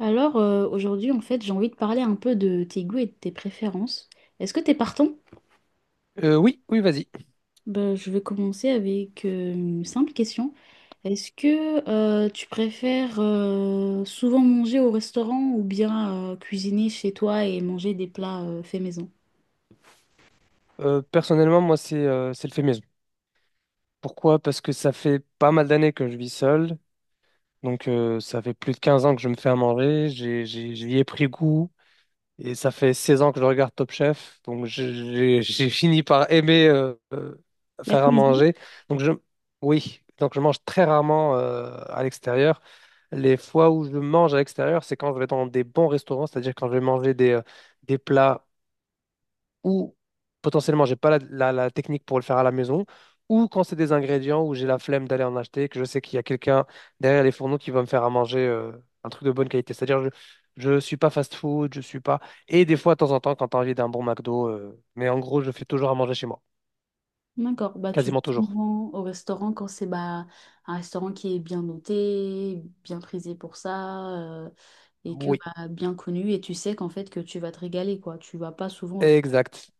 Alors, aujourd'hui, en fait, j'ai envie de parler un peu de tes goûts et de tes préférences. Est-ce que t'es partant? Oui, oui, vas-y. Ben, je vais commencer avec une simple question. Est-ce que tu préfères souvent manger au restaurant ou bien cuisiner chez toi et manger des plats faits maison? Personnellement, moi, c'est le fait maison. Pourquoi? Parce que ça fait pas mal d'années que je vis seul. Donc, ça fait plus de 15 ans que je me fais à manger. J'y ai pris goût. Et ça fait 16 ans que je regarde Top Chef, donc j'ai fini par aimer La faire à cuisine? manger. Donc je, oui, donc je mange très rarement à l'extérieur. Les fois où je mange à l'extérieur, c'est quand je vais dans des bons restaurants, c'est-à-dire quand je vais manger des plats ou potentiellement j'ai pas la technique pour le faire à la maison, ou quand c'est des ingrédients où j'ai la flemme d'aller en acheter, que je sais qu'il y a quelqu'un derrière les fourneaux qui va me faire à manger un truc de bonne qualité. C'est-à-dire je suis pas fast-food, je suis pas. Et des fois, de temps en temps, quand t'as envie d'un bon McDo, mais en gros, je fais toujours à manger chez moi, D'accord. Bah, tu vas quasiment toujours. souvent au restaurant quand c'est bah, un restaurant qui est bien noté, bien prisé pour ça, euh, et que Oui, bah, bien connu et tu sais qu'en fait que tu vas te régaler, quoi. Tu vas pas souvent. exact.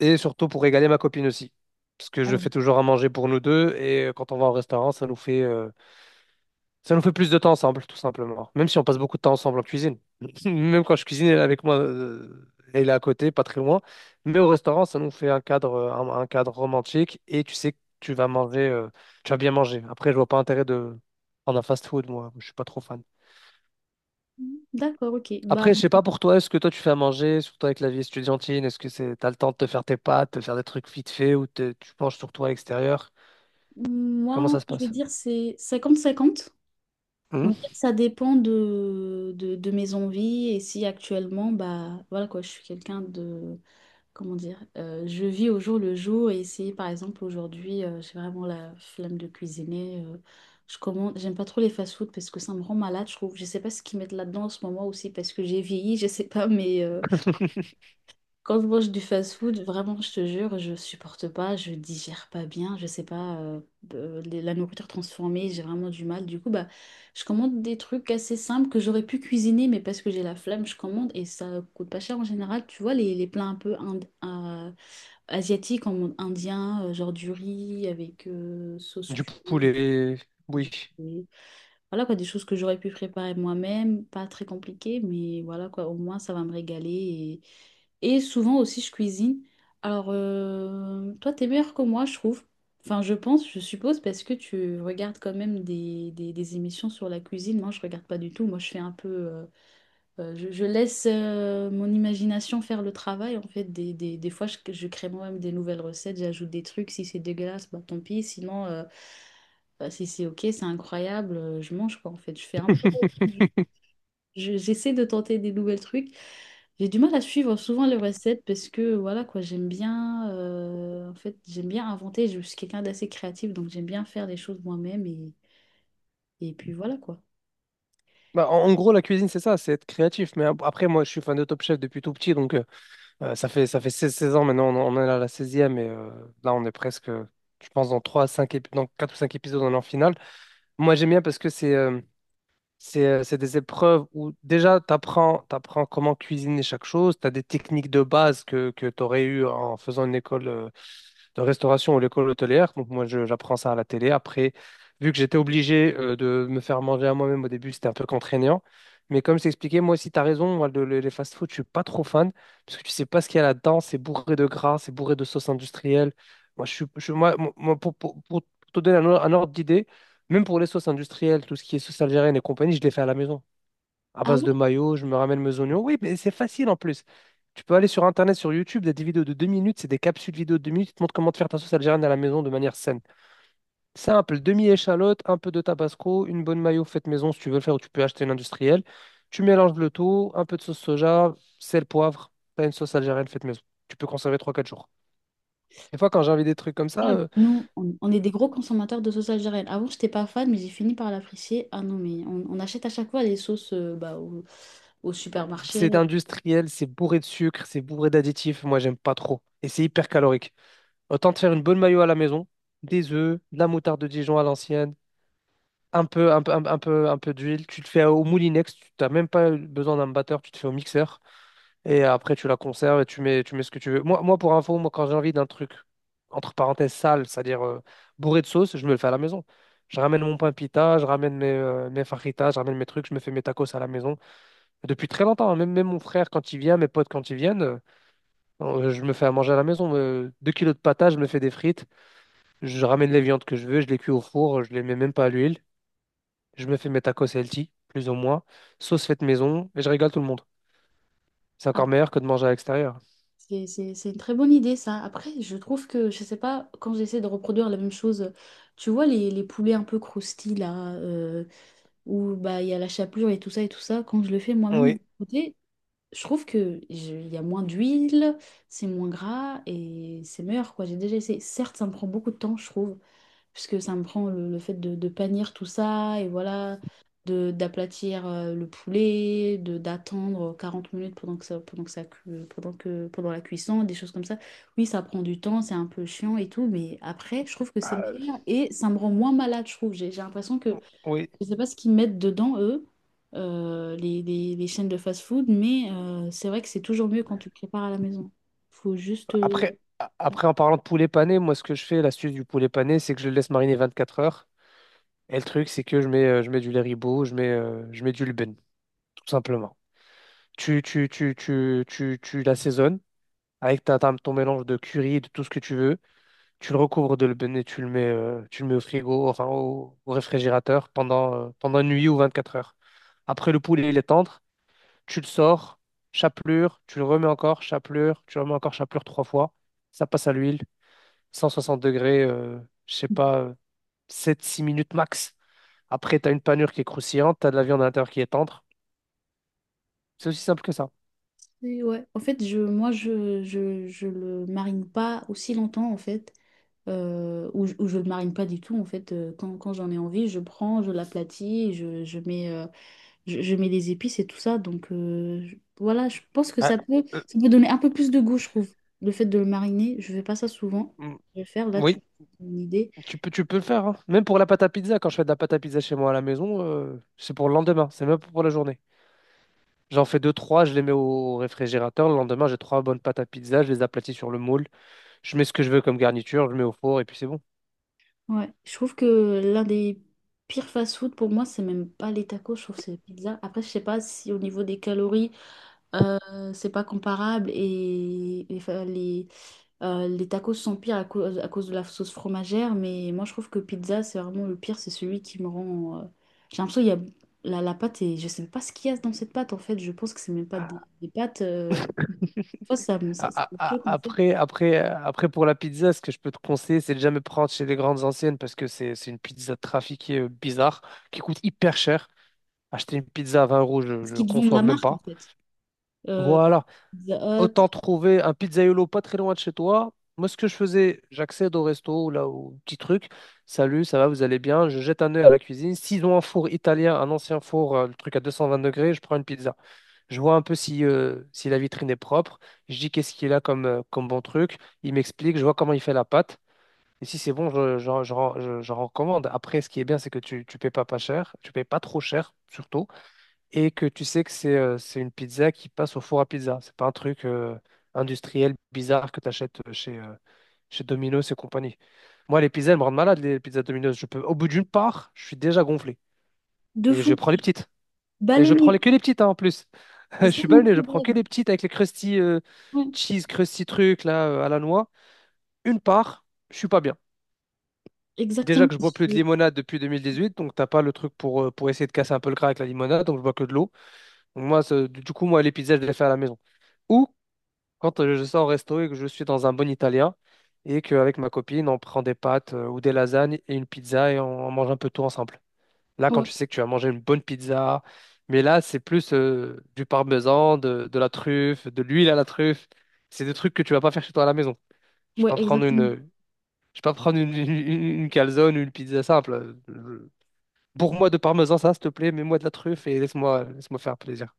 Et surtout pour régaler ma copine aussi. Parce que Ah je fais oui. toujours à manger pour nous deux, et quand on va au restaurant, ça nous fait plus de temps ensemble, tout simplement. Même si on passe beaucoup de temps ensemble en cuisine. Même quand je cuisine, elle est avec moi, elle est à côté, pas très loin. Mais au restaurant, ça nous fait un cadre romantique et tu sais que tu vas bien manger. Après, je vois pas intérêt de prendre un fast-food, moi. Je suis pas trop fan. D'accord, ok. Bah, Après, je sais pas pour toi, est-ce que toi tu fais à manger, surtout avec la vie estudiantine, t'as le temps de te faire tes pâtes, de faire des trucs vite fait ou tu penches sur toi à l'extérieur? Comment moi, ça se je vais passe? dire, c'est 50-50. On Hum. va dire que ça dépend de mes envies, et si actuellement, bah, voilà quoi, je suis quelqu'un de, comment dire, je vis au jour le jour. Et si par exemple aujourd'hui, j'ai vraiment la flemme de cuisiner, je commande. J'aime pas trop les fast-food parce que ça me rend malade, je trouve. Je sais pas ce qu'ils mettent là-dedans en ce moment, aussi parce que j'ai vieilli, je sais pas, mais quand je mange du fast-food, vraiment, je te jure, je supporte pas, je digère pas bien, je sais pas, la nourriture transformée, j'ai vraiment du mal. Du coup, bah, je commande des trucs assez simples que j'aurais pu cuisiner, mais parce que j'ai la flemme, je commande, et ça coûte pas cher en général. Tu vois, les plats un peu asiatiques, en mode indien, genre du riz avec sauce Du curry, poulet, oui. du poulet. Voilà quoi, des choses que j'aurais pu préparer moi-même, pas très compliquées, mais voilà quoi, au moins ça va me régaler. Et souvent aussi je cuisine. Alors, toi, t'es meilleur que moi, je trouve. Enfin, je pense, je suppose, parce que tu regardes quand même des émissions sur la cuisine. Moi, je regarde pas du tout. Moi, je fais un peu. Je laisse mon imagination faire le travail. En fait, des fois, je crée moi-même des nouvelles recettes, j'ajoute des trucs. Si c'est dégueulasse, bah tant pis. Sinon, bah, si c'est OK, c'est incroyable, je mange, quoi. En fait, je fais un peu. J'essaie de tenter des nouvelles trucs. J'ai du mal à suivre souvent les recettes parce que, voilà quoi, j'aime bien. En fait, j'aime bien inventer. Je suis quelqu'un d'assez créatif, donc j'aime bien faire des choses moi-même. Et puis voilà, quoi. Bah, en gros, la cuisine, c'est ça, c'est être créatif. Mais après, moi, je suis fan de Top Chef depuis tout petit, donc ça fait 16 16 ans maintenant, on est à la seizième et là, on est presque, je pense, dans trois à 5 épi- dans 4 ou 5 épisodes, on est en finale. Moi, j'aime bien parce que c'est des épreuves où déjà, tu apprends comment cuisiner chaque chose, tu as des techniques de base que tu aurais eues en faisant une école de restauration ou l'école hôtelière. Donc moi, j'apprends ça à la télé. Après, vu que j'étais obligé de me faire manger à moi-même au début, c'était un peu contraignant. Mais comme je t'ai Moi aussi, tu as raison, moi, les fast-food, je suis pas trop fan, parce que tu sais pas ce qu'il y a là-dedans, c'est bourré de gras, c'est bourré de sauce industrielle. Moi, je suis, je- moi, moi, pour te donner un, un ordre d'idée, même pour les sauces industrielles, tout ce qui est sauce algérienne et compagnie, je les fais à la maison à base de Ah. mayo, je me ramène mes oignons. Oui, mais c'est facile en plus. Tu peux aller sur Internet, sur YouTube, des vidéos de 2 minutes, c'est des capsules vidéo de 2 minutes qui te montrent comment te faire ta sauce algérienne à la maison de manière saine. Simple, demi-échalote, un peu de tabasco, une bonne mayo faite maison si tu veux le faire ou tu peux acheter une industrielle. Tu mélanges le tout, un peu de sauce soja, sel, poivre, t'as une sauce algérienne faite maison. Tu peux conserver trois quatre jours. Des fois, quand j'ai envie des trucs comme ça, Ah, nous, on est des gros consommateurs de sauce algérienne. Avant, j'étais pas fan, mais j'ai fini par l'apprécier. Ah non, mais on achète à chaque fois les sauces bah, au supermarché. c'est industriel, c'est bourré de sucre, c'est bourré d'additifs, moi j'aime pas trop. Et c'est hyper calorique. Autant te faire une bonne mayo à la maison, des œufs, de la moutarde de Dijon à l'ancienne, un peu, un peu, un peu d'huile. Tu te fais au moulinex, tu n'as même pas besoin d'un batteur, tu te fais au mixeur. Et après, tu la conserves et tu mets ce que tu veux. Moi, pour info, moi, quand j'ai envie d'un truc, entre parenthèses, sale, c'est-à-dire bourré de sauce, je me le fais à la maison. Je ramène mon pain pita, je ramène mes fajitas, je ramène mes trucs, je me fais mes tacos à la maison. Depuis très longtemps, hein, même mon frère, quand il vient, mes potes, quand ils viennent, je me fais à manger à la maison. Deux kilos de patates, je me fais des frites. Je ramène les viandes que je veux, je les cuis au four, je les mets même pas à l'huile. Je me fais mes tacos healthy, plus ou moins. Sauce faite maison, et je régale tout le monde. C'est encore Ah, meilleur que de manger à l'extérieur. c'est une très bonne idée, ça. Après, je trouve que, je sais pas, quand j'essaie de reproduire la même chose, tu vois, les poulets un peu croustillés, là, où bah, il y a la chapelure et tout ça, quand je le fais moi-même de mon Oui. côté, je trouve que il y a moins d'huile, c'est moins gras et c'est meilleur, quoi. J'ai déjà essayé. Certes, ça me prend beaucoup de temps, je trouve. Puisque ça me prend le fait de panir tout ça, et voilà, d'aplatir le poulet, d'attendre 40 minutes pendant la cuisson, des choses comme ça. Oui, ça prend du temps, c'est un peu chiant et tout, mais après, je trouve que c'est Euh, meilleur, et ça me rend moins malade, je trouve. J'ai l'impression que, oui. je sais pas ce qu'ils mettent dedans, eux, les, les chaînes de fast-food, mais c'est vrai que c'est toujours mieux quand tu le prépares à la maison. Faut juste... Après, en parlant de poulet pané, moi, ce que je fais, l'astuce du poulet pané, c'est que je le laisse mariner 24 heures. Et le truc, c'est que je mets du lait ribot, je mets du Lubin, tout simplement. Tu l'assaisonnes, avec ton mélange de curry, de tout ce que tu veux. Tu le recouvres de l'eben et tu le mets au frigo, enfin au réfrigérateur pendant une nuit ou 24 heures. Après, le poulet, il est tendre. Tu le sors, chapelure, tu le remets encore, chapelure, tu le remets encore, chapelure trois fois. Ça passe à l'huile, 160 degrés, je sais pas, sept six minutes max. Après, tu as une panure qui est croustillante, tu as de la viande à l'intérieur qui est tendre. C'est aussi simple que ça. Et ouais. En fait, moi, je le marine pas aussi longtemps, en fait, ou, ou je le marine pas du tout, en fait. Quand j'en ai envie, je prends, je l'aplatis, je mets, je mets des épices et tout ça. Donc, voilà, je pense que ça peut, Euh, donner un peu plus de goût, je trouve. Le fait de le mariner, je fais pas ça souvent. mm, Je vais faire, là tu oui, as une idée. tu peux le faire, hein. Même pour la pâte à pizza, quand je fais de la pâte à pizza chez moi à la maison, c'est pour le lendemain. C'est même pas pour la journée. J'en fais deux, trois, je les mets au réfrigérateur. Le lendemain, j'ai trois bonnes pâtes à pizza, je les aplatis sur le moule. Je mets ce que je veux comme garniture, je mets au four et puis c'est bon. Ouais. Je trouve que l'un des pires fast-food pour moi, c'est même pas les tacos, je trouve que c'est les pizzas. Après, je sais pas si au niveau des calories, Euh, c'est pas comparable, et les tacos sont pires à cause de la sauce fromagère, mais moi, je trouve que pizza, c'est vraiment le pire, c'est celui qui me rend. J'ai l'impression qu'il y a la pâte et je sais même pas ce qu'il y a dans cette pâte, en fait, je pense que c'est même pas des pâtes. Moi ça me ça, ça A- a- me a- choque, en fait. Après, après, euh, après, pour la pizza, ce que je peux te conseiller, c'est de jamais prendre chez les grandes anciennes parce que c'est une pizza trafiquée bizarre qui coûte hyper cher. Acheter une pizza à 20 euros, je Est-ce ne qu'ils te vendent conçois la même marque, en pas. fait? Euh, Voilà. Pizza Hut, Autant trouver un pizzaiolo pas très loin de chez toi. Moi, ce que je faisais, j'accède au resto ou là au petit truc. Salut, ça va, vous allez bien? Je jette un œil à la cuisine. S'ils ont un four italien, un ancien four, le truc à 220 degrés, je prends une pizza. Je vois un peu si la vitrine est propre. Je dis qu'est-ce qu'il a comme bon truc. Il m'explique, je vois comment il fait la pâte. Et si c'est bon, je recommande. Après, ce qui est bien, c'est que tu payes pas cher. Tu payes pas trop cher, surtout, et que tu sais que c'est une pizza qui passe au four à pizza. C'est pas un truc industriel bizarre que tu achètes chez Domino's et compagnie. Moi, les pizzas, elles me rendent malade, les pizzas Domino's. Je peux, au bout d'une part, je suis déjà gonflé. de Et je fou, prends les petites. Et je ballonné, prends que les petites, hein, en plus. c'est Je ça suis mon balné, je prends que problème. les petites avec les crusty Ouais, cheese, crusty trucs là, à la noix. Une part, je suis pas bien. Déjà exactement. que je bois plus de limonade depuis 2018, donc t'as pas le truc pour essayer de casser un peu le gras avec la limonade, donc je bois que de l'eau. Moi, du coup, moi, les pizzas, je les fais à la maison. Ou quand je sors au resto et que je suis dans un bon italien et qu'avec ma copine, on prend des pâtes ou des lasagnes et une pizza et on mange un peu tout ensemble. Là, quand Ouais, tu sais que tu vas manger une bonne pizza, mais là, c'est plus du parmesan, de la truffe, de l'huile à la truffe. C'est des trucs que tu vas pas faire chez toi à la maison. Je vais ouais, pas prendre exactement. une, je vais pas prendre une calzone ou une pizza simple. Pour moi de parmesan, ça, s'il te plaît, mets-moi de la truffe et laisse-moi faire plaisir.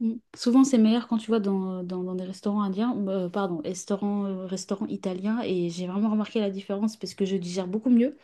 Mm. Souvent, c'est meilleur quand tu vois dans, dans des restaurants indiens, pardon, restaurants, restaurants italiens, et j'ai vraiment remarqué la différence parce que je digère beaucoup mieux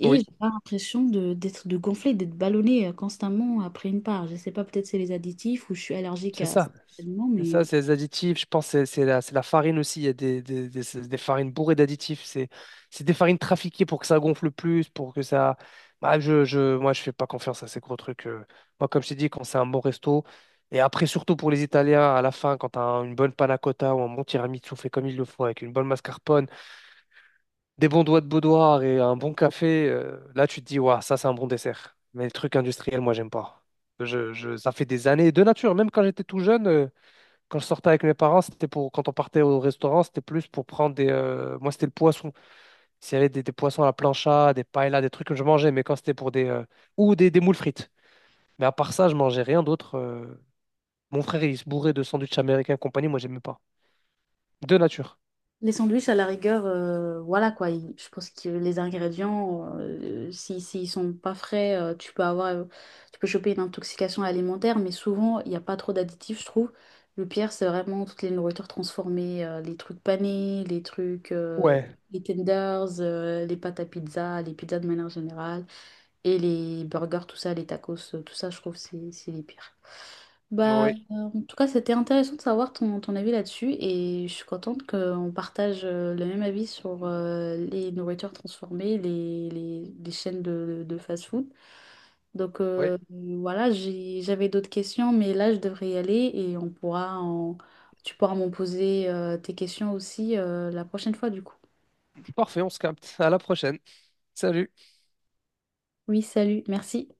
et Oui, j'ai pas l'impression d'être, de gonfler, d'être ballonné constamment après une part. Je sais pas, peut-être c'est les additifs ou je suis allergique c'est à certains ça. aliments, C'est mais. ça, c'est les additifs. Je pense que c'est la farine aussi. Il y a des- c'est des farines bourrées d'additifs. C'est des farines trafiquées pour que ça gonfle plus, pour que ça. Bah, moi, je fais pas confiance à ces gros trucs. Moi, comme je t'ai dit, quand c'est un bon resto, et après, surtout pour les Italiens, à la fin, quand tu as une bonne panna cotta ou un bon tiramisu fait comme il le faut, avec une bonne mascarpone, des bons doigts de boudoir et un bon café, là, tu te dis, waouh, ça, c'est un bon dessert. Mais les trucs industriels, moi, j'aime pas. Ça fait des années, de nature, même quand j'étais tout jeune. Quand je sortais avec mes parents, c'était pour quand on partait au restaurant, c'était plus pour prendre des. Moi, c'était le poisson. S'il y avait des poissons à la plancha, des paellas, des trucs que je mangeais, mais quand c'était pour des. Ou des moules frites. Mais à part ça, je mangeais rien d'autre. Mon frère, il se bourrait de sandwichs américains et compagnie. Moi, j'aimais pas. De nature. Les sandwichs, à la rigueur, voilà, quoi. Je pense que les ingrédients, si, s'ils sont pas frais, tu peux avoir, tu peux choper une intoxication alimentaire, mais souvent, il n'y a pas trop d'additifs, je trouve. Le pire, c'est vraiment toutes les nourritures transformées, les trucs panés, les trucs, Ouais. les tenders, les pâtes à pizza, les pizzas de manière générale, et les burgers, tout ça, les tacos, tout ça, je trouve, c'est les pires. Bah, Ouais. En tout cas, c'était intéressant de savoir ton avis là-dessus, et je suis contente qu'on partage le même avis sur les nourritures transformées, les chaînes de fast-food. Donc Ouais. Voilà, j'avais d'autres questions, mais là, je devrais y aller et tu pourras m'en poser tes questions aussi la prochaine fois, du coup. Parfait, on se capte. À la prochaine. Salut. Oui, salut, merci.